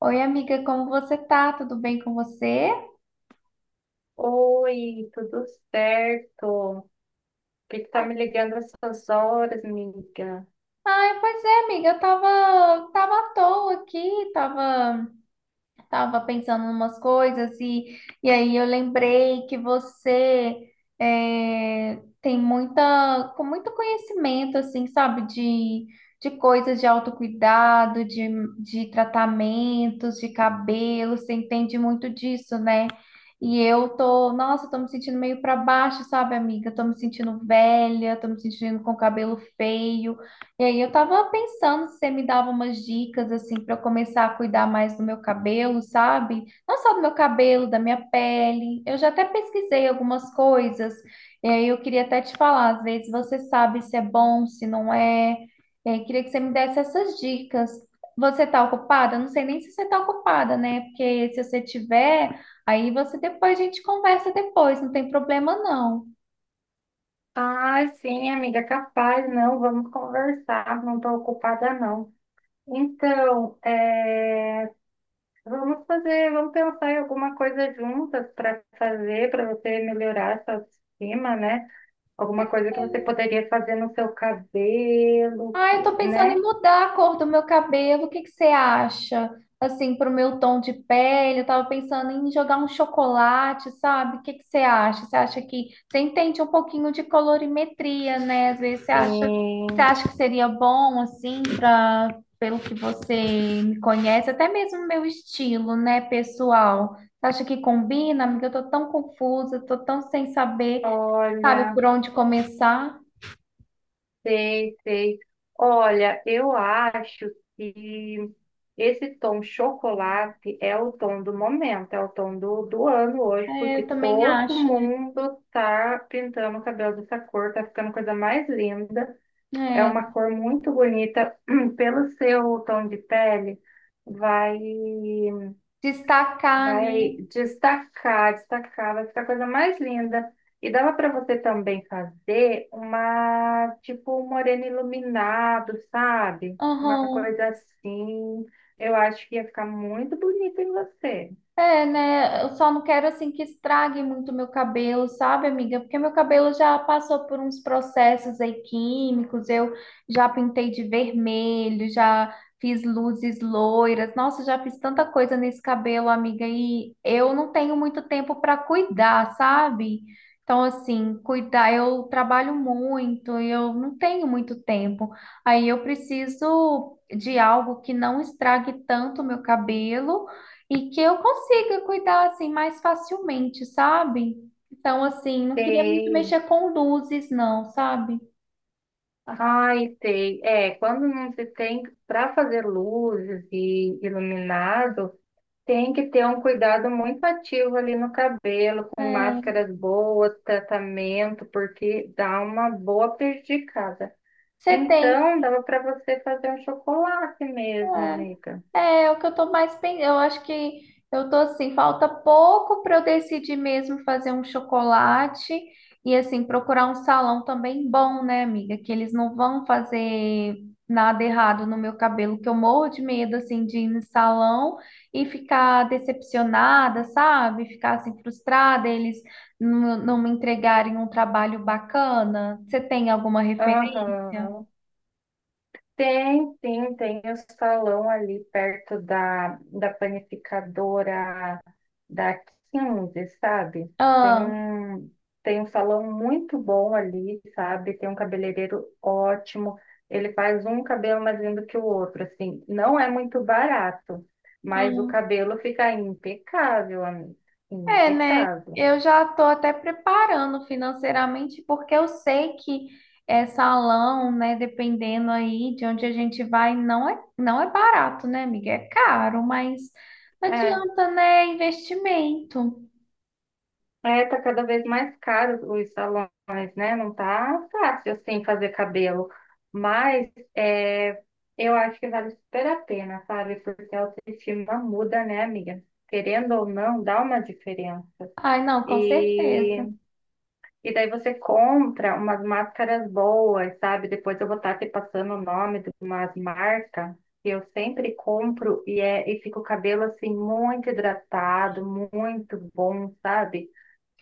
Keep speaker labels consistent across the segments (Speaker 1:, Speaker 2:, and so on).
Speaker 1: Oi, amiga, como você tá? Tudo bem com você?
Speaker 2: Oi, tudo certo? Por que tá me ligando essas horas, amiga?
Speaker 1: Ai, pois é, amiga, eu tava à toa aqui, tava. Tava pensando em umas coisas e aí eu lembrei que você tem muita, com muito conhecimento, assim, sabe, de coisas de autocuidado, de tratamentos, de cabelo, você entende muito disso, né? E eu tô, nossa, eu tô me sentindo meio pra baixo, sabe, amiga? Eu tô me sentindo velha, tô me sentindo com cabelo feio. E aí eu tava pensando se você me dava umas dicas assim para eu começar a cuidar mais do meu cabelo, sabe? Não só do meu cabelo, da minha pele. Eu já até pesquisei algumas coisas. E aí eu queria até te falar, às vezes você sabe se é bom, se não é. E aí queria que você me desse essas dicas. Você tá ocupada? Eu não sei nem se você tá ocupada, né? Porque se você tiver, aí você depois a gente conversa depois, não tem problema não.
Speaker 2: Ah, sim, amiga, capaz, não, vamos conversar, não tô ocupada, não. Então, vamos fazer, vamos pensar em alguma coisa juntas para fazer, para você melhorar sua autoestima, né? Alguma coisa que você poderia fazer no seu cabelo,
Speaker 1: Ah, eu tô pensando em
Speaker 2: né?
Speaker 1: mudar a cor do meu cabelo. O que que você acha? Assim, pro meu tom de pele, eu tava pensando em jogar um chocolate, sabe? O que que você acha? Você acha que você entende um pouquinho de colorimetria, né? Às vezes você
Speaker 2: Sim,
Speaker 1: acha que seria bom assim para pelo que você me conhece, até mesmo meu estilo, né, pessoal? Você acha que combina, amiga? Eu tô tão confusa, tô tão sem saber, sabe,
Speaker 2: olha.
Speaker 1: por onde começar.
Speaker 2: Sei, sei. Olha, eu acho que esse tom chocolate é o tom do momento, é o tom do ano hoje,
Speaker 1: É,
Speaker 2: porque
Speaker 1: eu também
Speaker 2: todo
Speaker 1: acho, né?
Speaker 2: mundo tá pintando o cabelo dessa cor, tá ficando coisa mais linda. É
Speaker 1: É.
Speaker 2: uma cor muito bonita. Pelo seu tom de pele, vai.
Speaker 1: Destacar, né?
Speaker 2: Vai destacar, destacar, vai ficar a coisa mais linda. E dava para você também fazer uma, tipo, um moreno iluminado, sabe? Uma
Speaker 1: Aham.
Speaker 2: coisa assim. Eu acho que ia ficar muito bonito em você.
Speaker 1: É, né? Eu só não quero assim que estrague muito meu cabelo, sabe, amiga? Porque meu cabelo já passou por uns processos aí químicos, eu já pintei de vermelho, já fiz luzes loiras. Nossa, já fiz tanta coisa nesse cabelo, amiga, e eu não tenho muito tempo para cuidar, sabe? Então, assim, cuidar, eu trabalho muito, e eu não tenho muito tempo. Aí eu preciso de algo que não estrague tanto o meu cabelo e que eu consiga cuidar assim mais facilmente, sabe? Então, assim, não queria muito
Speaker 2: Sei.
Speaker 1: mexer com luzes, não, sabe?
Speaker 2: Ai, sei. É, quando não se tem para fazer luzes e iluminado. Tem que ter um cuidado muito ativo ali no cabelo, com
Speaker 1: É,
Speaker 2: máscaras boas, tratamento, porque dá uma boa prejudicada.
Speaker 1: você tem.
Speaker 2: Então, dava para você fazer um chocolate mesmo,
Speaker 1: É.
Speaker 2: amiga.
Speaker 1: É, é o que eu tô mais pensando. Eu acho que eu tô assim, falta pouco para eu decidir mesmo fazer um chocolate e assim procurar um salão também bom, né, amiga? Que eles não vão fazer nada errado no meu cabelo, que eu morro de medo assim de ir no salão e ficar decepcionada, sabe? Ficar assim frustrada, eles não me entregarem um trabalho bacana. Você tem alguma referência?
Speaker 2: Aham. Tem o salão ali perto da panificadora da Quinze, sabe? Tem
Speaker 1: Ah,
Speaker 2: um, tem um salão muito bom ali, sabe? Tem um cabeleireiro ótimo. Ele faz um cabelo mais lindo que o outro, assim. Não é muito barato, mas o
Speaker 1: ah.
Speaker 2: cabelo fica impecável, amiga.
Speaker 1: É, né?
Speaker 2: Impecável.
Speaker 1: Eu já estou até preparando financeiramente, porque eu sei que é, salão, né, dependendo aí de onde a gente vai, não é barato, né, amiga? É caro, mas não
Speaker 2: É,
Speaker 1: adianta, né? Investimento.
Speaker 2: É, tá cada vez mais caro os salões, né? Não tá fácil assim fazer cabelo. Mas é, eu acho que vale super a pena, sabe? Porque a autoestima muda, né, amiga? Querendo ou não, dá uma diferença.
Speaker 1: Ai, não, com
Speaker 2: E,
Speaker 1: certeza.
Speaker 2: e daí você compra umas máscaras boas, sabe? Depois eu vou estar te passando o nome de umas marcas que eu sempre compro e e fica o cabelo assim muito hidratado, muito bom, sabe?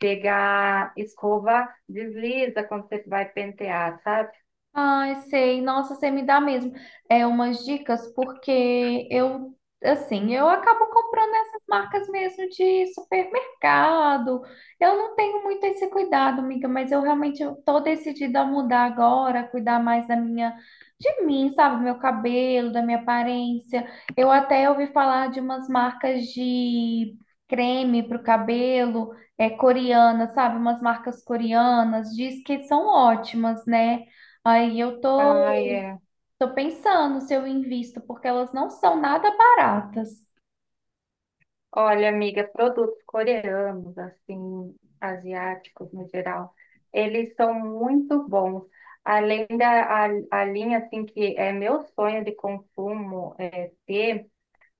Speaker 2: Pegar escova, desliza quando você vai pentear, sabe?
Speaker 1: Ai, sei. Nossa, você me dá mesmo umas dicas porque eu assim, eu acabo comprando essas marcas mesmo de supermercado. Eu não tenho muito esse cuidado, amiga, mas eu realmente eu tô decidida a mudar agora, cuidar mais da minha de mim, sabe, do meu cabelo, da minha aparência. Eu até ouvi falar de umas marcas de creme para o cabelo, é coreana, sabe, umas marcas coreanas, diz que são ótimas, né? Aí eu tô,
Speaker 2: Ai, é.
Speaker 1: tô pensando se eu invisto, porque elas não são nada baratas.
Speaker 2: Olha, amiga, produtos coreanos, assim, asiáticos no geral, eles são muito bons. Além da a linha, assim, que é meu sonho de consumo ter,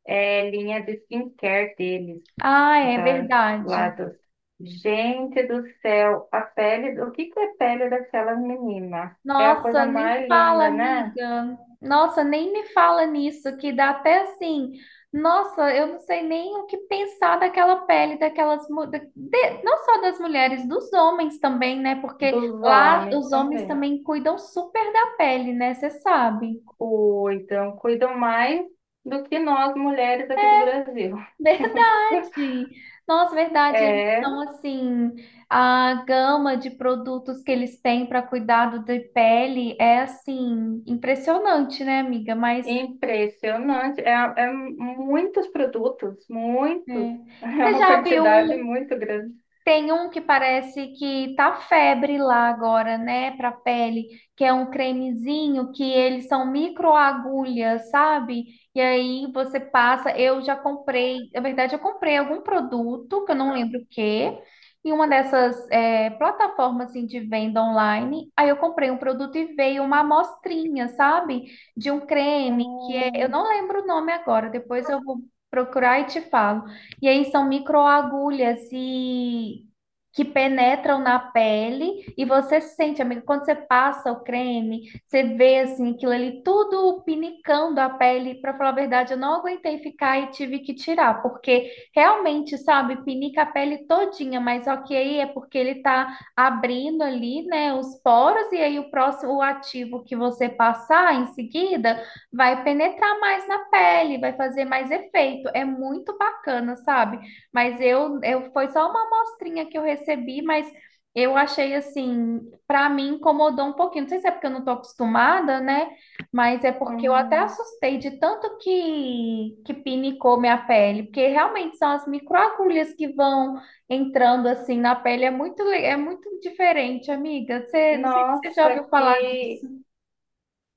Speaker 2: é linha de skincare deles,
Speaker 1: Ah, é
Speaker 2: das, lá
Speaker 1: verdade.
Speaker 2: dos... Gente do céu, a pele, o que que é pele daquela menina? É a coisa
Speaker 1: Nossa, nem
Speaker 2: mais
Speaker 1: fala,
Speaker 2: linda, né?
Speaker 1: amiga. Nossa, nem me fala nisso, que dá até assim. Nossa, eu não sei nem o que pensar daquela pele, daquelas, não só das mulheres, dos homens também, né? Porque
Speaker 2: Dos
Speaker 1: lá
Speaker 2: homens
Speaker 1: os homens
Speaker 2: também
Speaker 1: também cuidam super da pele, né? Você sabe.
Speaker 2: cuidam, cuidam mais do que nós mulheres aqui do Brasil.
Speaker 1: Verdade! Nossa, verdade. Eles
Speaker 2: É
Speaker 1: são assim, a gama de produtos que eles têm para cuidado da pele é assim, impressionante, né, amiga? Mas
Speaker 2: impressionante. É, é muitos produtos, muitos.
Speaker 1: é.
Speaker 2: É
Speaker 1: Você
Speaker 2: uma
Speaker 1: já viu
Speaker 2: quantidade
Speaker 1: um.
Speaker 2: muito grande.
Speaker 1: Tem um que parece que tá febre lá agora, né, pra pele, que é um cremezinho que eles são microagulhas, sabe? E aí você passa, eu já comprei, na verdade eu comprei algum produto, que eu não lembro o quê, em uma dessas plataformas assim, de venda online, aí eu comprei um produto e veio uma amostrinha, sabe? De um creme que é, eu
Speaker 2: Hum,
Speaker 1: não lembro o nome agora, depois eu vou procurar e te falo. E aí são microagulhas e que penetram na pele e você sente, amigo, quando você passa o creme, você vê assim aquilo ali tudo pinicando a pele. Para falar a verdade, eu não aguentei ficar e tive que tirar, porque realmente, sabe, pinica a pele todinha, mas ok, é porque ele tá abrindo ali, né, os poros e aí o ativo que você passar em seguida vai penetrar mais na pele, vai fazer mais efeito. É muito bacana, sabe? Mas eu foi só uma amostrinha que eu recebi, mas eu achei assim, pra mim incomodou um pouquinho. Não sei se é porque eu não tô acostumada, né? Mas é porque eu até
Speaker 2: hum.
Speaker 1: assustei de tanto que pinicou minha pele, porque realmente são as microagulhas que vão entrando assim na pele, é é muito diferente, amiga. Você, não sei se você já
Speaker 2: Nossa,
Speaker 1: ouviu falar
Speaker 2: que
Speaker 1: disso.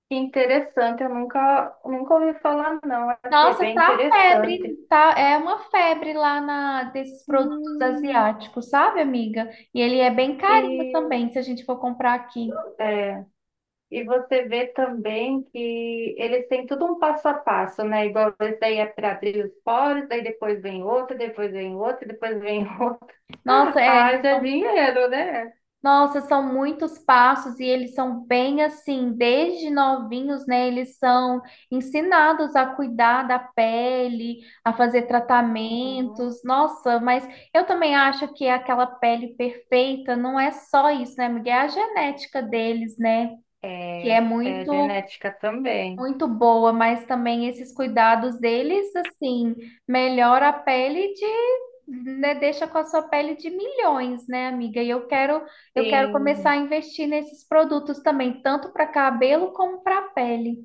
Speaker 2: que interessante. Eu nunca, nunca ouvi falar, não. Achei
Speaker 1: Nossa,
Speaker 2: bem
Speaker 1: tá febre,
Speaker 2: interessante.
Speaker 1: tá, é uma febre lá na desses produtos
Speaker 2: Hum,
Speaker 1: asiáticos, sabe, amiga? E ele é bem carinho
Speaker 2: E
Speaker 1: também, se a gente for comprar aqui.
Speaker 2: é, E você vê também que eles têm tudo um passo a passo, né? Igual esse daí é para abrir os poros, daí depois vem outro, depois vem outro, depois vem outro.
Speaker 1: Nossa, é,
Speaker 2: Haja dinheiro, né?
Speaker 1: nossa, são muitos passos e eles são bem assim, desde novinhos, né? Eles são ensinados a cuidar da pele, a fazer
Speaker 2: Uhum.
Speaker 1: tratamentos. Nossa, mas eu também acho que aquela pele perfeita não é só isso, né, amiga? É a genética deles, né? Que
Speaker 2: É,
Speaker 1: é
Speaker 2: é genética também.
Speaker 1: muito boa, mas também esses cuidados deles, assim, melhora a pele de, né, deixa com a sua pele de milhões, né, amiga? Eu quero começar
Speaker 2: Sim,
Speaker 1: a investir nesses produtos também, tanto para cabelo como para pele.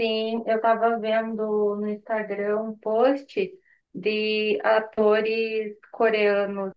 Speaker 2: sim. Eu estava vendo no Instagram um post de atores coreanos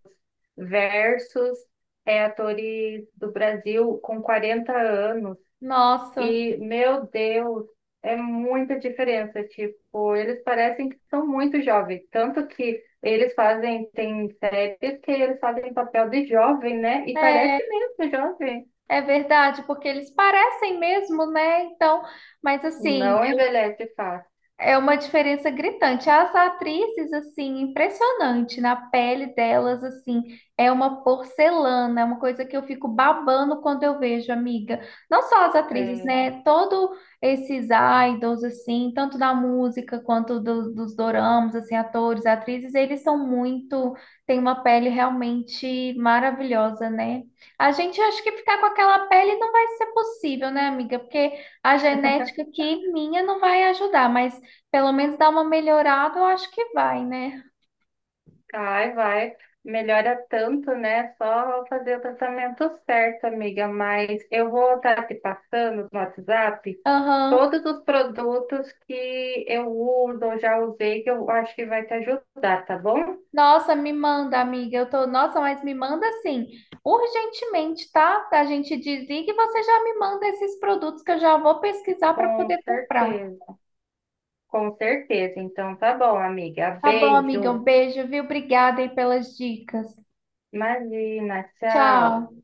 Speaker 2: versus atores do Brasil com 40 anos.
Speaker 1: Nossa,
Speaker 2: E, meu Deus, é muita diferença. Tipo, eles parecem que são muito jovens. Tanto que eles fazem, tem séries que eles fazem papel de jovem, né? E parece
Speaker 1: é,
Speaker 2: mesmo jovem.
Speaker 1: é verdade, porque eles parecem mesmo, né? Então, mas assim,
Speaker 2: Não envelhece fácil.
Speaker 1: é uma diferença gritante. As atrizes, assim, impressionante na pele delas, assim, é uma porcelana, é uma coisa que eu fico babando quando eu vejo, amiga. Não só as atrizes,
Speaker 2: É,
Speaker 1: né? Todo esses idols, assim, tanto da música quanto dos doramas, assim, atores, atrizes, eles são muito, têm uma pele realmente maravilhosa, né? A gente acha que ficar com aquela pele não vai ser possível, né, amiga? Porque a genética aqui minha não vai ajudar, mas pelo menos dar uma melhorada, eu acho que vai, né?
Speaker 2: vai, vai. Melhora tanto, né? Só fazer o tratamento certo, amiga. Mas eu vou estar te passando no WhatsApp
Speaker 1: Aham.
Speaker 2: todos os produtos que eu uso ou já usei, que eu acho que vai te ajudar, tá bom?
Speaker 1: Nossa, me manda, amiga. Eu tô, nossa, mas me manda assim, urgentemente, tá? A gente desliga e você já me manda esses produtos que eu já vou pesquisar para
Speaker 2: Com
Speaker 1: poder comprar.
Speaker 2: certeza, com certeza. Então tá bom, amiga.
Speaker 1: Tá bom, amiga? Um
Speaker 2: Beijo.
Speaker 1: beijo, viu? Obrigada aí pelas dicas.
Speaker 2: Imagina, tchau.
Speaker 1: Tchau.